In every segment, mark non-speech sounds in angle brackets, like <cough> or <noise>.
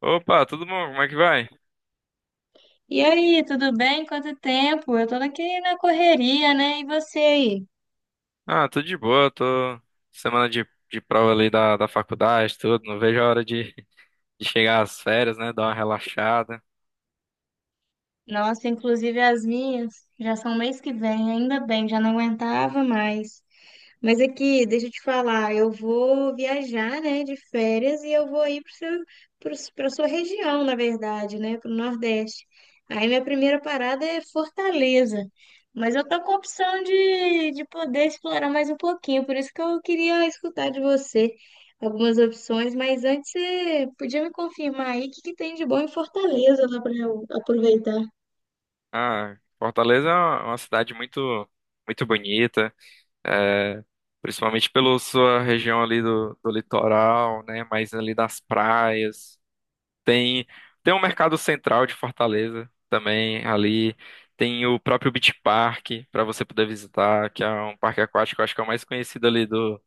Opa, tudo bom? Como é que vai? E aí, tudo bem? Quanto tempo? Eu tô aqui na correria, né? E você aí? Ah, tudo de boa, tô semana de prova ali da faculdade, tudo, não vejo a hora de chegar às férias, né, dar uma relaxada. Nossa, inclusive as minhas já são mês que vem, ainda bem, já não aguentava mais. Mas aqui, deixa eu te falar, eu vou viajar, né, de férias e eu vou ir para a sua região, na verdade, né, para o Nordeste. Aí minha primeira parada é Fortaleza. Mas eu tô com a opção de poder explorar mais um pouquinho, por isso que eu queria escutar de você algumas opções, mas antes você podia me confirmar aí o que que tem de bom em Fortaleza lá para eu aproveitar. Ah, Fortaleza é uma cidade muito bonita, é, principalmente pela sua região ali do litoral, né, mais ali das praias. Tem, Tem o Mercado Central de Fortaleza também ali. Tem o próprio Beach Park para você poder visitar, que é um parque aquático, eu acho que é o mais conhecido ali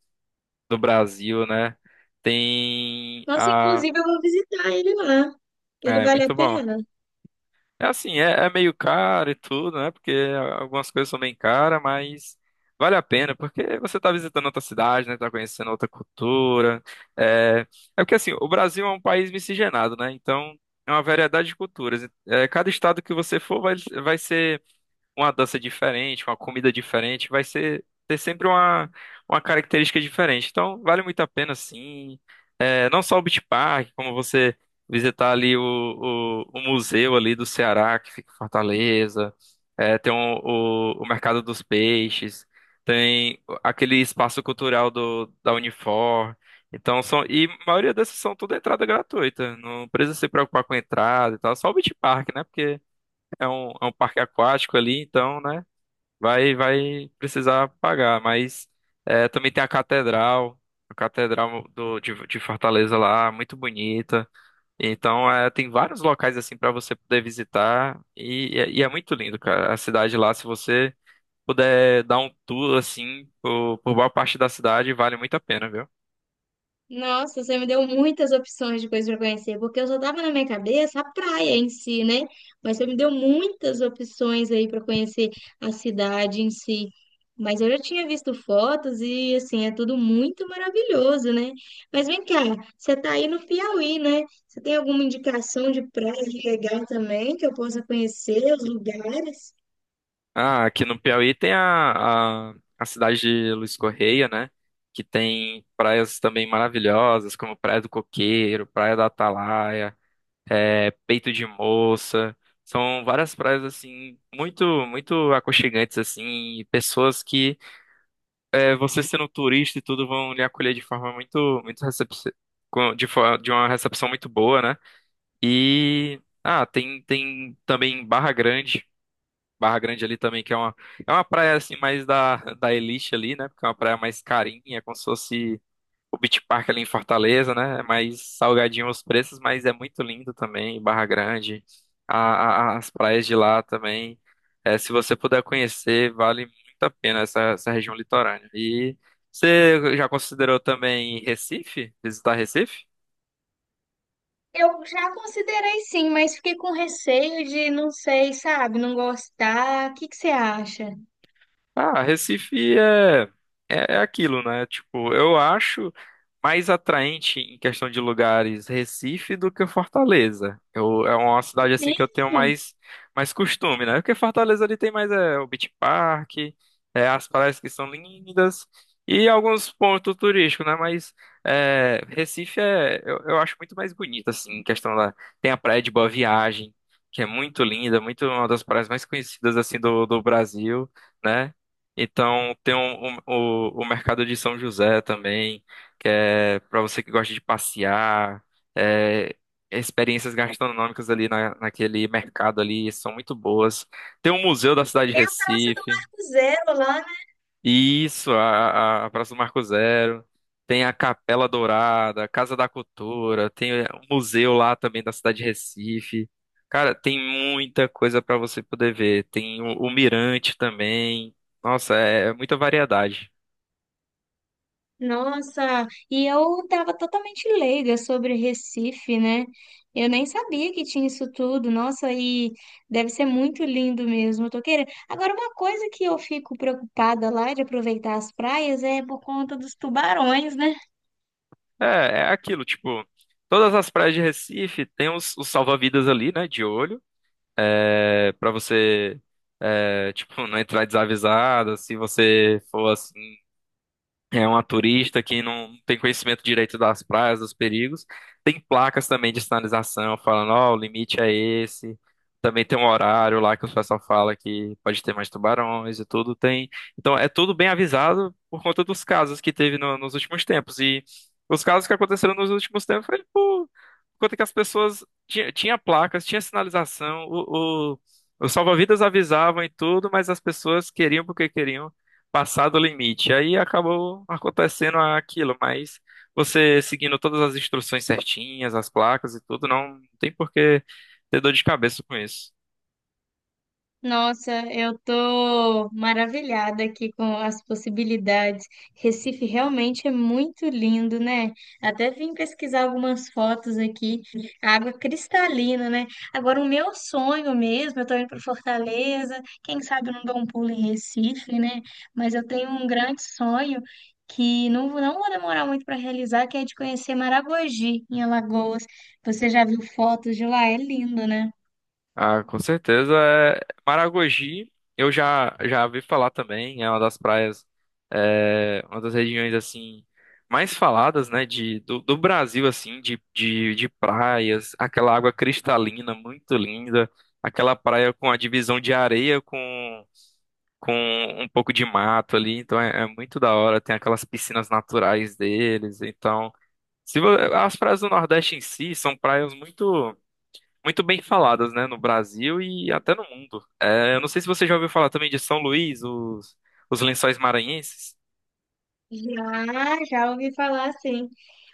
do Brasil, né? Tem Nossa, a. inclusive eu vou visitar ele lá. Ele É, vale a muito bom. pena? É assim, é meio caro e tudo, né? Porque algumas coisas são bem caras, mas vale a pena, porque você tá visitando outra cidade, né? Tá conhecendo outra cultura. É porque assim, o Brasil é um país miscigenado, né? Então é uma variedade de culturas. É, cada estado que você for vai ser uma dança diferente, uma comida diferente, vai ser ter sempre uma característica diferente. Então vale muito a pena, sim. É, não só o Beach Park, como você visitar ali o museu ali do Ceará, que fica em Fortaleza, é, tem o Mercado dos Peixes, tem aquele espaço cultural da Unifor. Então são, e a maioria dessas são tudo entrada gratuita, não precisa se preocupar com entrada e tal, só o Beach Park, né? Porque é um parque aquático ali, então, né? Vai precisar pagar, mas é, também tem a catedral de Fortaleza lá, muito bonita. Então é, tem vários locais assim para você poder visitar e é muito lindo, cara. A cidade lá, se você puder dar um tour assim por boa parte da cidade, vale muito a pena, viu? Nossa, você me deu muitas opções de coisas para conhecer, porque eu só tava na minha cabeça a praia em si, né? Mas você me deu muitas opções aí para conhecer a cidade em si. Mas eu já tinha visto fotos e assim, é tudo muito maravilhoso, né? Mas vem cá, você tá aí no Piauí, né? Você tem alguma indicação de praia legal também que eu possa conhecer os lugares? Ah, aqui no Piauí tem a cidade de Luiz Correia, né? Que tem praias também maravilhosas, como Praia do Coqueiro, Praia da Atalaia. É Peito de Moça. São várias praias assim muito aconchegantes assim, e pessoas que é, você sendo turista e tudo vão lhe acolher de forma muito muito recepci- com- de, fo- de uma recepção muito boa, né? E ah, tem também Barra Grande. Barra Grande ali também, que é é uma praia assim mais da elite ali, né? Porque é uma praia mais carinha, como se fosse. O Beach Park ali em Fortaleza, né? É mais salgadinho os preços, mas é muito lindo também, Barra Grande, as praias de lá também. É, se você puder conhecer, vale muito a pena essa região litorânea. E você já considerou também Recife? Visitar Recife? Eu já considerei sim, mas fiquei com receio de, não sei, sabe, não gostar. O que que você acha? Ah, é aquilo, né? Tipo, eu acho mais atraente em questão de lugares Recife do que Fortaleza. Eu, é uma cidade assim que eu tenho Mesmo? Mais costume, né? Porque Fortaleza ali tem mais é, o Beach Park, é, as praias que são lindas e alguns pontos turísticos, né? Mas é, Recife é, eu acho muito mais bonito, assim, em questão da. Tem a Praia de Boa Viagem, que é muito linda, muito uma das praias mais conhecidas assim do Brasil né? Então, tem o mercado de São José também, que é para você que gosta de passear, é, experiências gastronômicas ali naquele mercado ali são muito boas. Tem o Museu da Cidade de Tem a Praça do Recife. Marco Zero lá, né? Isso, a Praça do Marco Zero. Tem a Capela Dourada, a Casa da Cultura, tem um museu lá também da cidade de Recife. Cara, tem muita coisa para você poder ver. Tem o Mirante também. Nossa, é muita variedade. Nossa, e eu tava totalmente leiga sobre Recife, né? Eu nem sabia que tinha isso tudo. Nossa, e deve ser muito lindo mesmo. Eu tô querendo. Agora, uma coisa que eu fico preocupada lá de aproveitar as praias é por conta dos tubarões, né? É aquilo, tipo, todas as praias de Recife tem os salva-vidas ali, né, de olho, é, para você, é, tipo, não entrar desavisado, se você for assim. É uma turista que não tem conhecimento direito das praias, dos perigos. Tem placas também de sinalização falando, ó, o limite é esse. Também tem um horário lá que o pessoal fala que pode ter mais tubarões e tudo tem. Então é tudo bem avisado por conta dos casos que teve nos últimos tempos. E os casos que aconteceram nos últimos tempos foi por conta que as pessoas tinha placas, tinha sinalização, os salva-vidas avisavam e tudo, mas as pessoas queriam porque queriam passado o limite. Aí acabou acontecendo aquilo, mas você seguindo todas as instruções certinhas, as placas e tudo, não tem por que ter dor de cabeça com isso. Nossa, eu tô maravilhada aqui com as possibilidades. Recife realmente é muito lindo, né? Até vim pesquisar algumas fotos aqui, água cristalina, né? Agora, o meu sonho mesmo, eu tô indo para Fortaleza, quem sabe eu não dou um pulo em Recife, né? Mas eu tenho um grande sonho que não vou demorar muito para realizar, que é de conhecer Maragogi, em Alagoas. Você já viu fotos de lá? É lindo, né? Ah, com certeza. É, Maragogi, eu já ouvi falar também, é uma das praias, é, uma das regiões assim mais faladas, né, do Brasil assim, de praias, aquela água cristalina muito linda, aquela praia com a divisão de areia com um pouco de mato ali, então é, é muito da hora, tem aquelas piscinas naturais deles, então, se vo- as praias do Nordeste em si são praias muito bem faladas, né, no Brasil e até no mundo. É, eu não sei se você já ouviu falar também de São Luís, os Lençóis Maranhenses. Já, já ouvi falar assim.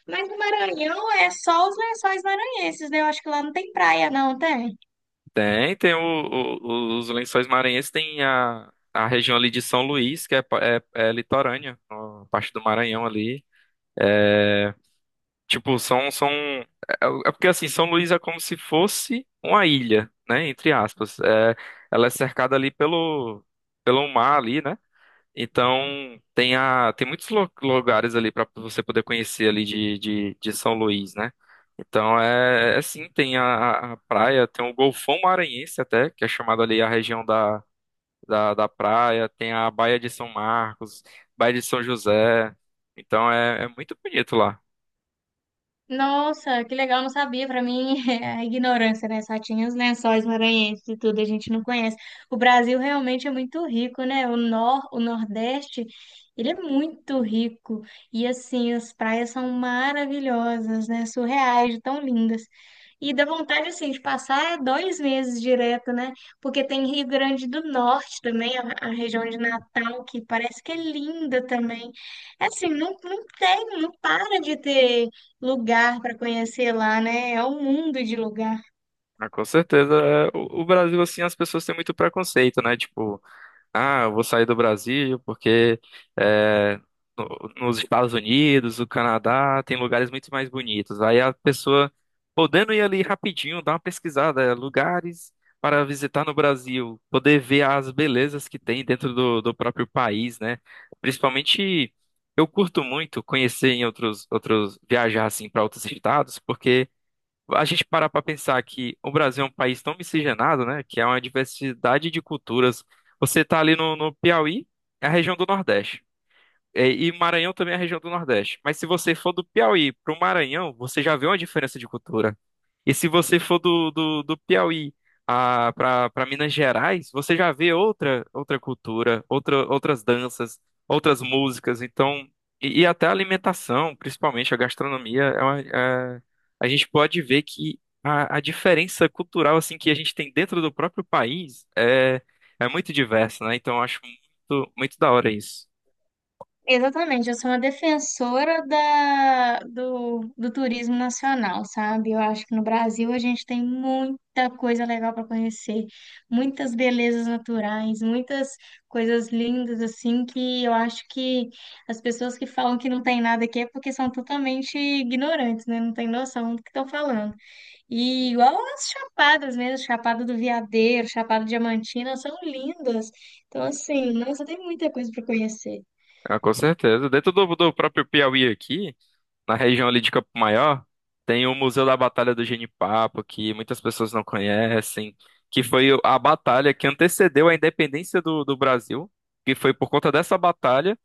Mas o Maranhão é só os lençóis maranhenses, né? Eu acho que lá não tem praia, não, tem? Tem os Lençóis Maranhenses, tem a região ali de São Luís, que é, é litorânea, a parte do Maranhão ali. Tipo, são... É porque, assim, São Luís é como se fosse uma ilha, né? Entre aspas. É, ela é cercada ali pelo mar ali, né? Então, tem, a, tem muitos lugares ali para você poder conhecer ali de São Luís, né? Então, é, é sim, tem a praia, tem o Golfão Maranhense até, que é chamado ali a região da praia, tem a Baía de São Marcos, Baía de São José. Então, é, é muito bonito lá. Nossa, que legal, não sabia. Para mim <laughs> é a ignorância, né? Só tinha os lençóis maranhenses e tudo, a gente não conhece. O Brasil realmente é muito rico, né? O nor, o Nordeste, ele é muito rico. E assim, as praias são maravilhosas, né? Surreais, de tão lindas. E dá vontade, assim, de passar dois meses direto, né? Porque tem Rio Grande do Norte também, a região de Natal, que parece que é linda também. É assim, não tem, não para de ter lugar para conhecer lá, né? É um mundo de lugar. Ah, com certeza. É, o Brasil, assim, as pessoas têm muito preconceito, né? Tipo, ah, eu vou sair do Brasil porque é, nos Estados Unidos, o Canadá, tem lugares muito mais bonitos. Aí a pessoa, podendo ir ali rapidinho, dar uma pesquisada, é, lugares para visitar no Brasil, poder ver as belezas que tem dentro do próprio país, né? Principalmente, eu curto muito conhecer em viajar, assim, para outros estados, porque a gente parar para pensar que o Brasil é um país tão miscigenado, né? Que é uma diversidade de culturas. Você tá ali no Piauí, é a região do Nordeste. É, E Maranhão também é a região do Nordeste. Mas se você for do Piauí para o Maranhão, você já vê uma diferença de cultura. E se você for do Piauí para Minas Gerais, você já vê outra cultura, outra, outras danças, outras músicas. Então, e até a alimentação, principalmente a gastronomia, a gente pode ver que a diferença cultural assim que a gente tem dentro do próprio país é, é muito diversa, né? Então, eu acho muito, muito da hora isso. Exatamente, eu sou uma defensora do turismo nacional, sabe? Eu acho que no Brasil a gente tem muita coisa legal para conhecer, muitas belezas naturais, muitas coisas lindas, assim, que eu acho que as pessoas que falam que não tem nada aqui é porque são totalmente ignorantes, né? Não tem noção do que estão falando. E igual as chapadas mesmo, Chapada do Veadeiro, Chapada Diamantina, são lindas. Então, assim, nossa, tem muita coisa para conhecer. Ah, com certeza. Dentro do próprio Piauí aqui, na região ali de Campo Maior, tem o Museu da Batalha do Genipapo, que muitas pessoas não conhecem, que foi a batalha que antecedeu a independência do Brasil, que foi por conta dessa batalha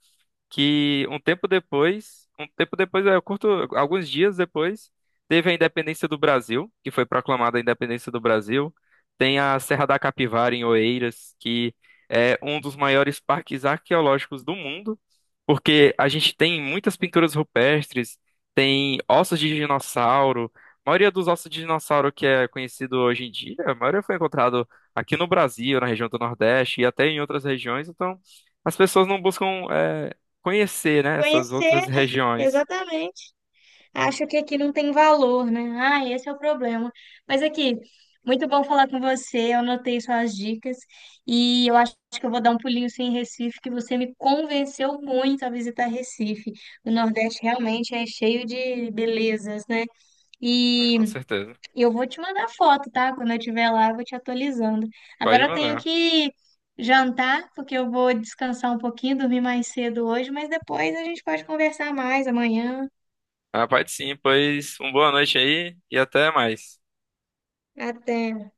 que um tempo depois, alguns dias depois, teve a independência do Brasil, que foi proclamada a independência do Brasil. Tem a Serra da Capivara em Oeiras, que é um dos maiores parques arqueológicos do mundo, porque a gente tem muitas pinturas rupestres, tem ossos de dinossauro. A maioria dos ossos de dinossauro que é conhecido hoje em dia, a maioria foi encontrado aqui no Brasil, na região do Nordeste e até em outras regiões, então as pessoas não buscam é, conhecer, né, essas Conhecer, outras né? regiões. Exatamente. Acho que aqui não tem valor, né? Ah, esse é o problema. Mas aqui, muito bom falar com você. Eu anotei suas dicas e eu acho que eu vou dar um pulinho sim em Recife, que você me convenceu muito a visitar Recife. O Nordeste realmente é cheio de belezas, né? Ah, com E certeza. E eu vou te mandar foto, tá? Quando eu estiver lá, eu vou te atualizando. Pode Agora eu tenho mandar. que jantar, porque eu vou descansar um pouquinho, dormir mais cedo hoje, mas depois a gente pode conversar mais amanhã. Ah, pode sim, pois uma boa noite aí e até mais. Até.